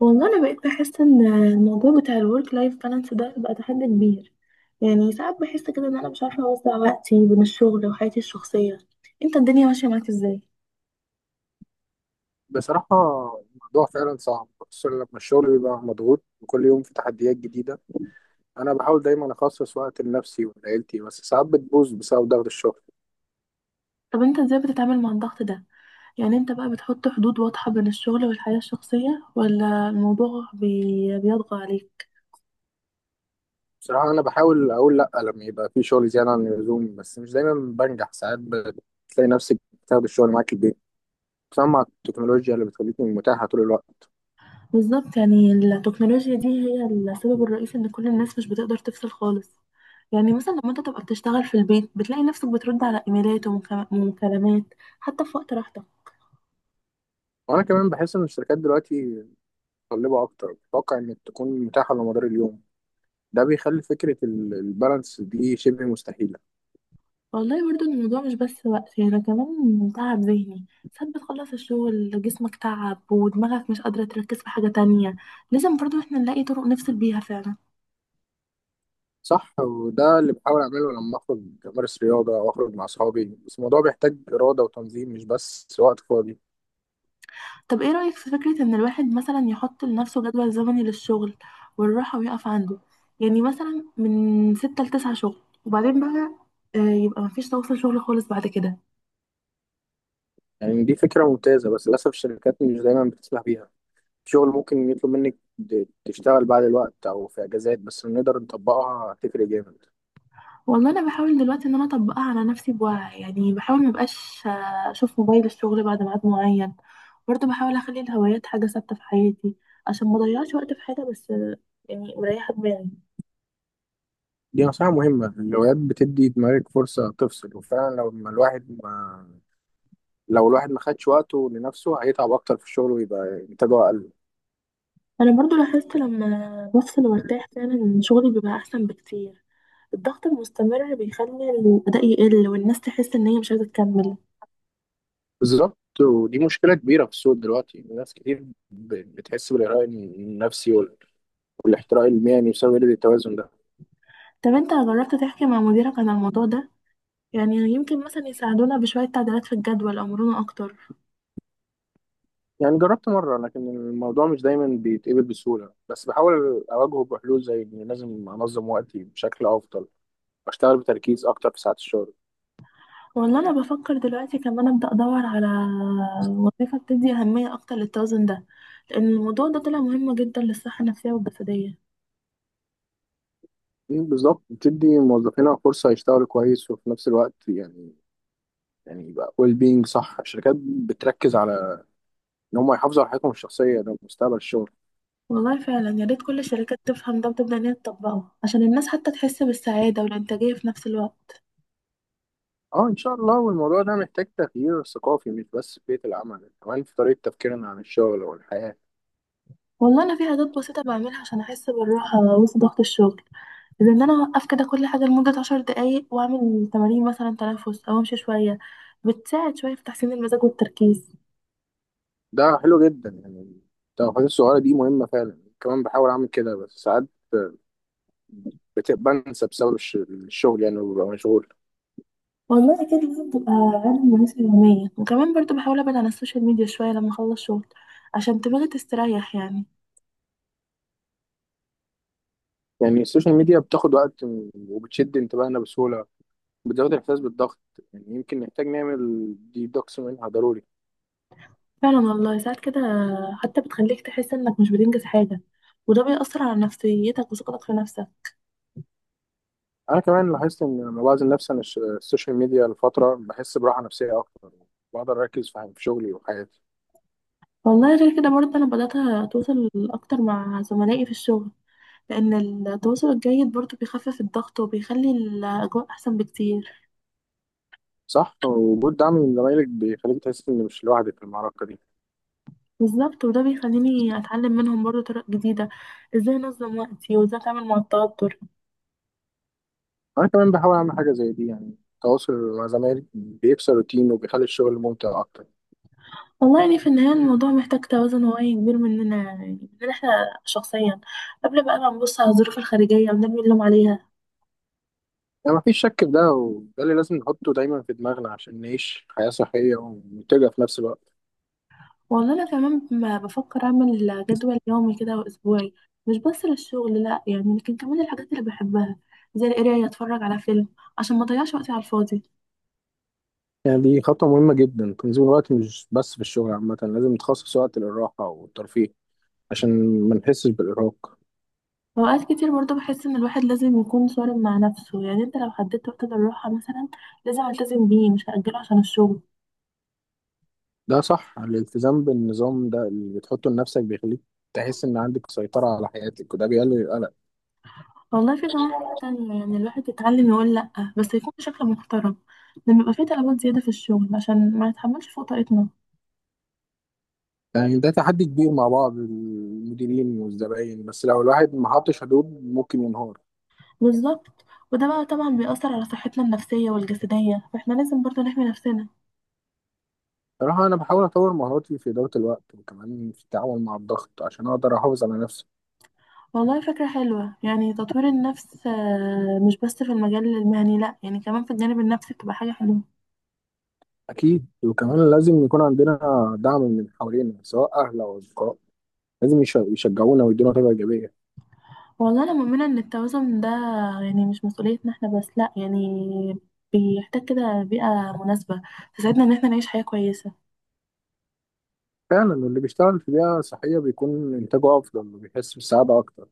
والله انا بقيت بحس ان الموضوع بتاع الورك لايف بالانس ده بقى تحدي كبير. يعني ساعات بحس كده ان انا مش عارفه اوزع وقتي بين الشغل وحياتي الشخصيه. انت الدنيا ماشيه معاك ازاي؟ بصراحة، الموضوع فعلا صعب، خصوصا لما الشغل بيبقى مضغوط وكل يوم في تحديات جديدة. أنا بحاول دايما أخصص وقت لنفسي ولعيلتي، بس ساعات بتبوظ بسبب ضغط الشغل. طب انت ازاي بتتعامل مع الضغط ده؟ يعني انت بقى بتحط حدود واضحه بين الشغل والحياه الشخصيه ولا الموضوع بيطغى عليك؟ بصراحة أنا بحاول أقول لأ لما يبقى في شغل زيادة عن اللزوم، بس مش دايما بنجح. ساعات بتلاقي نفسك بتاخد الشغل معاك البيت، خصوصا مع التكنولوجيا اللي بتخليكي متاحة طول الوقت. بالظبط، يعني التكنولوجيا دي هي السبب الرئيسي ان كل الناس مش بتقدر تفصل خالص. يعني مثلا لما انت تبقى بتشتغل في البيت بتلاقي نفسك بترد على ايميلات ومكالمات حتى في وقت راحتك. وأنا كمان بحس إن الشركات دلوقتي متطلبة أكتر، بتتوقع إنك تكون متاحة على مدار اليوم. ده بيخلي فكرة البالانس دي شبه مستحيلة. والله برضو الموضوع مش بس وقت، يعني ده كمان تعب ذهني. ساعات بتخلص الشغل جسمك تعب ودماغك مش قادرة تركز في حاجة تانية. لازم برضو احنا نلاقي طرق نفصل بيها فعلا. صح، وده اللي بحاول أعمله لما أخرج أمارس رياضة أو أخرج مع أصحابي، بس الموضوع بيحتاج إرادة وتنظيم، مش بس وقت فاضي. طب ايه رأيك في فكرة ان الواحد مثلا يحط لنفسه جدول زمني للشغل والراحة ويقف عنده؟ يعني مثلا من ستة لتسعة شغل، وبعدين بقى يبقى مفيش تواصل شغل خالص بعد كده. يعني دي فكرة ممتازة، بس للأسف الشركات مش دايما بتسمح بيها. الشغل ممكن يطلب منك تشتغل بعد الوقت أو في أجازات، بس لو نقدر نطبقها هتفرق جامد. والله انا بحاول دلوقتي ان انا اطبقها على نفسي بوعي، يعني بحاول ما بقاش اشوف موبايل الشغل بعد ميعاد معين. برضه بحاول اخلي الهوايات حاجه ثابته في حياتي عشان ما اضيعش وقت في حاجه، بس يعني مريحه دماغي. دي نصيحة مهمة. الهوايات بتدي دماغك فرصة تفصل، وفعلا لو الواحد ما خدش وقته لنفسه هيتعب أكتر في الشغل ويبقى إنتاجه أقل. انا برضه لاحظت لما بفصل وارتاح فعلا إن شغلي بيبقى احسن بكتير. الضغط المستمر بيخلي الاداء يقل والناس تحس ان هي مش عايزه تكمل. بالظبط. ودي مشكلة كبيرة في السوق دلوقتي، ناس كتير بتحس بالإرهاق النفسي والاحتراق المهني بسبب قلة التوازن ده. طب انت جربت تحكي مع مديرك عن الموضوع ده؟ يعني يمكن مثلا يساعدونا بشويه تعديلات في الجدول او مرونة اكتر. يعني جربت مرة، لكن الموضوع مش دايما بيتقبل بسهولة، بس بحاول أواجهه بحلول، زي إني لازم أنظم وقتي بشكل أفضل وأشتغل بتركيز أكتر في ساعات الشغل. والله انا بفكر دلوقتي كمان ابدا ادور على وظيفه بتدي اهميه اكتر للتوازن ده، لان الموضوع ده طلع مهم جدا للصحه النفسيه والجسديه. مم، بالظبط. بتدي موظفينا فرصة يشتغلوا كويس وفي نفس الوقت يعني يبقى ويل بينج. صح، الشركات بتركز على إن هم يحافظوا على حياتهم الشخصية. ده مستقبل الشغل. والله فعلا يا ريت كل الشركات تفهم ده وتبدا ان هي تطبقه عشان الناس حتى تحس بالسعاده والانتاجيه في نفس الوقت. اه، ان شاء الله. والموضوع ده محتاج تغيير ثقافي، مش بس في بيئة العمل، كمان في طريقة تفكيرنا عن الشغل والحياة. والله انا في عادات بسيطه بعملها عشان احس بالراحه وسط ضغط الشغل، زي ان انا اوقف كده كل حاجه لمده عشر دقايق واعمل تمارين مثلا تنفس او امشي شويه، بتساعد شويه في تحسين المزاج والتركيز. ده حلو جدا. يعني التوقيت الصغيرة دي مهمة فعلا. كمان بحاول اعمل كده، بس ساعات بنسى بسبب الشغل يعني، وببقى مشغول. والله أكيد لازم تبقى عامل مناسبة يومية، وكمان برضو بحاول أبعد عن السوشيال ميديا شوية لما أخلص شغل عشان دماغي تستريح يعني. يعني السوشيال ميديا بتاخد وقت وبتشد انتباهنا بسهولة، بتزود الاحساس بالضغط. يعني يمكن نحتاج نعمل ديدوكس منها ضروري. فعلا والله ساعات كده حتى بتخليك تحس إنك مش بتنجز حاجة، وده بيأثر على نفسيتك وثقتك في نفسك. انا كمان لاحظت ان لما بعزل نفسي عن السوشيال ميديا لفترة بحس براحة نفسية اكتر. بقدر اركز في شغلي وحياتي. والله غير كده برضه أنا بدأت أتواصل أكتر مع زملائي في الشغل، لأن التواصل الجيد برضه بيخفف الضغط وبيخلي الأجواء أحسن بكتير. صح، وجود دعم من زمايلك بيخليك تحس إن مش لوحدك في المعركة دي. بالظبط، وده بيخليني أتعلم منهم برضه طرق جديدة، إزاي أنظم وقتي وإزاي أتعامل مع التوتر. أنا كمان بحاول أعمل حاجة زي دي. يعني التواصل مع زمايلي بيكسر الروتين وبيخلي الشغل ممتع أكتر. والله يعني في النهاية الموضوع محتاج توازن واعي كبير مننا، يعني مننا احنا شخصيا، قبل بقى ما نبص على الظروف الخارجية ونرمي اللوم عليها. يعني مفيش شك في ده، وده اللي لازم نحطه دايما في دماغنا عشان نعيش حياة صحية ومنتجة في نفس الوقت. والله أنا كمان ما بفكر أعمل جدول يومي كده وأسبوعي، مش بس للشغل لأ، يعني لكن كمان الحاجات اللي بحبها زي القراية أتفرج على فيلم، عشان ما أضيعش وقتي على الفاضي. يعني دي خطوة مهمة جدا، تنظيم الوقت مش بس في الشغل، عامة لازم نخصص وقت للراحة والترفيه عشان ما نحسش بالإرهاق. وأوقات كتير برضه بحس إن الواحد لازم يكون صارم مع نفسه، يعني أنت لو حددت وقت للراحة مثلا لازم ألتزم بيه مش هأجله عشان الشغل. ده صح. الالتزام بالنظام ده اللي بتحطه لنفسك بيخليك تحس إن عندك سيطرة على حياتك، وده بيقلل والله في كمان حاجة القلق. تانية، يعني الواحد يتعلم يقول لأ بس يكون بشكل محترم، لما يبقى في طلبات زيادة في الشغل عشان ما نتحملش فوق طاقتنا. يعني ده تحدي كبير مع بعض المديرين والزباين، بس لو الواحد ما حطش حدود ممكن ينهار. بالظبط، وده بقى طبعا بيأثر على صحتنا النفسية والجسدية، فاحنا لازم برضو نحمي نفسنا. صراحة، أنا بحاول أطور مهاراتي في إدارة الوقت وكمان في التعامل مع الضغط عشان أقدر أحافظ على نفسي. والله فكرة حلوة يعني تطوير النفس، مش بس في المجال المهني لأ، يعني كمان في الجانب النفسي بتبقى حاجة حلوة. أكيد. وكمان لازم يكون عندنا دعم من حوالينا، سواء أهل أو أصدقاء، لازم يشجعونا ويدونا طاقة إيجابية. والله أنا مؤمنة إن التوازن ده يعني مش مسؤوليتنا احنا بس لأ، يعني بيحتاج كده بيئة مناسبة تساعدنا إن احنا نعيش حياة كويسة. فعلا، واللي بيشتغل في بيئة صحية بيكون إنتاجه أفضل وبيحس بالسعادة أكتر.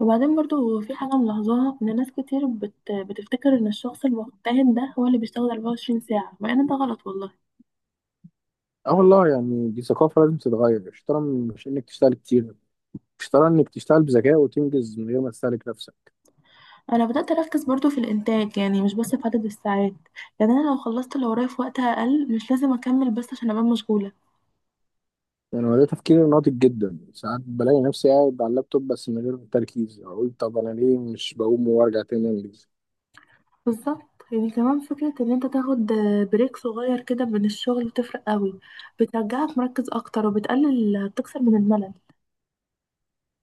وبعدين برضو في حاجة ملاحظاها إن ناس كتير بتفتكر إن الشخص المجتهد ده هو اللي بيشتغل 24 ساعة، مع إن ده غلط والله. أه والله، يعني دي ثقافة لازم تتغير. الشطارة مش إنك تشتغل كتير، الشطارة إنك تشتغل بذكاء وتنجز من غير ما تستهلك نفسك. أنا بدأت أركز برضو في الإنتاج، يعني مش بس في عدد الساعات. يعني أنا لو خلصت اللي ورايا في وقت أقل مش لازم أكمل بس عشان أبقى مشغولة. يعني هو ده تفكير ناضج جدا. ساعات بلاقي نفسي قاعد على اللابتوب بس من غير تركيز، اقول طب انا ليه مش بقوم وارجع تاني انجز. بالظبط، يعني كمان فكرة إن أنت تاخد بريك صغير كده من الشغل بتفرق قوي، بترجعك مركز أكتر وبتقلل بتكسر من الملل.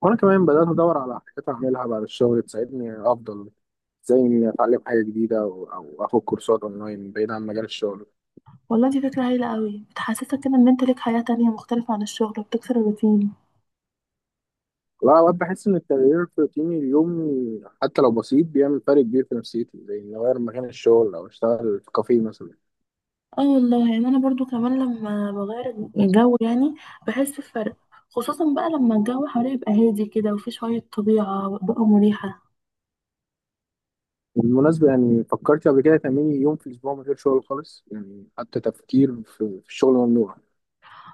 وانا كمان بدات ادور على حاجات اعملها بعد الشغل تساعدني افضل، زي اني اتعلم حاجه جديده او اخد كورسات اونلاين بعيد عن مجال الشغل. والله دي فكرة هايلة قوي، بتحسسك كده إن أنت ليك حياة تانية مختلفة عن الشغل وبتكسر الروتين. لا، اوقات بحس ان التغيير في روتيني اليومي حتى لو بسيط بيعمل فرق كبير في نفسيتي، زي اني اغير مكان الشغل او اشتغل في كافيه مثلا. اه والله يعني انا برضو كمان لما بغير الجو يعني بحس بفرق، خصوصا بقى لما الجو حواليا يبقى هادي كده وفي شوية طبيعة بقى مريحة. بالمناسبة، يعني فكرت قبل كده تعملي يوم في الأسبوع من غير شغل خالص؟ يعني حتى تفكير في الشغل ممنوع.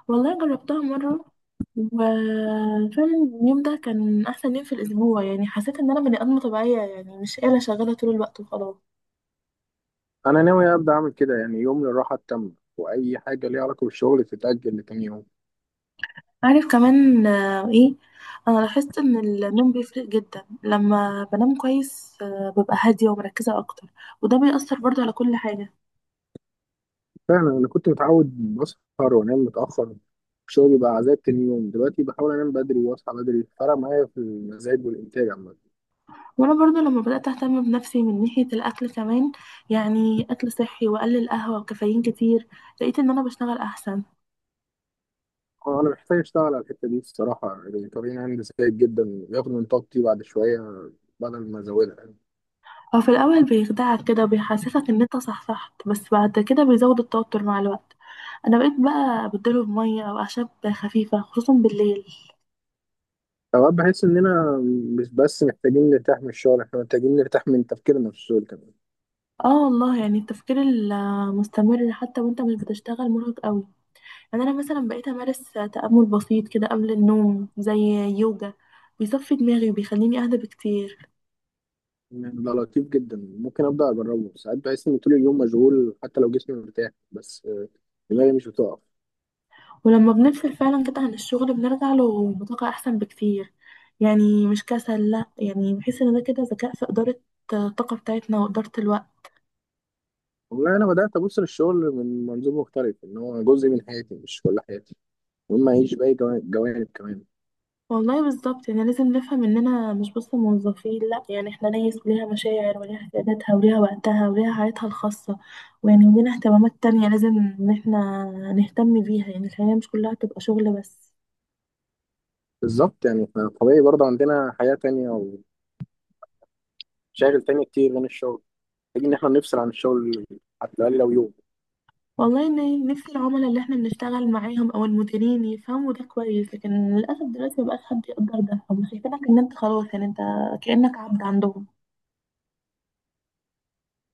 والله جربتها مرة، وفعلا اليوم ده كان احسن يوم في الاسبوع، يعني حسيت ان انا بني ادمة طبيعية يعني مش آلة شغالة طول الوقت وخلاص. انا ناوي ابدا اعمل كده، يعني يوم للراحه التامه، واي حاجه ليها علاقه بالشغل تتاجل لتاني يوم. عارف كمان ايه، انا لاحظت ان النوم بيفرق جدا. لما بنام كويس ببقى هادية ومركزة اكتر، وده بيأثر برضو على كل حاجة. فعلا، انا كنت متعود بسهر وانام متاخر، الشغل بقى عذاب تاني يوم. دلوقتي بحاول انام بدري واصحى بدري، فرق معايا في المزاج والانتاج عامه. وانا برضو لما بدات اهتم بنفسي من ناحيه الاكل كمان، يعني اكل صحي واقلل قهوه وكافيين كتير، لقيت ان انا بشتغل احسن. انا محتاج اشتغل على الحته دي الصراحه، يعني طبيعي عندي سيء جدا، بياخد من طاقتي بعد شويه بدل ما ازودها يعني. هو في الاول بيخدعك كده وبيحسسك ان انت صحصحت، بس بعد كده بيزود التوتر مع الوقت. انا بقيت بقى ابدله بميه او اعشاب خفيفه خصوصا بالليل. اوقات بحس اننا مش بس محتاجين نرتاح من الشغل، احنا محتاجين نرتاح من تفكيرنا في الشغل كمان. اه والله يعني التفكير المستمر حتى وانت مش بتشتغل مرهق قوي. يعني انا مثلا بقيت امارس تامل بسيط كده قبل النوم زي يوجا، بيصفي دماغي وبيخليني اهدى بكتير. ده لطيف جدا، ممكن ابدا اجربه. ساعات بحس ان طول اليوم مشغول حتى لو جسمي مرتاح، بس دماغي مش بتقف. ولما بنفصل فعلا كده عن الشغل بنرجع له بطاقة أحسن بكتير. يعني مش كسل لأ، يعني بحس إن ده كده ذكاء في إدارة الطاقة بتاعتنا وإدارة الوقت. والله انا بدات ابص للشغل من منظور مختلف، ان هو جزء من حياتي مش كل حياتي، وإما اعيش باقي جوانب كمان. والله بالظبط، يعني لازم نفهم إننا مش بس موظفين لأ، يعني إحنا ناس وليها مشاعر وليها احتياجاتها وليها وقتها وليها حياتها الخاصة، ويعني ولينا اهتمامات تانية لازم إن إحنا نهتم بيها. يعني الحياة مش كلها تبقى شغل بس. بالظبط، يعني إحنا طبيعي برضه عندنا حياه تانية او شاغل تاني كتير غير الشغل، محتاج ان احنا نفصل عن الشغل، حتى الاقل لو يوم. والله إن نفسي العملاء اللي إحنا بنشتغل معاهم أو المديرين يفهموا ده كويس، لكن للأسف دلوقتي مبقاش حد يقدر ده، هم شايفينك إن أنت خلاص، يعني أنت كأنك عبد عندهم.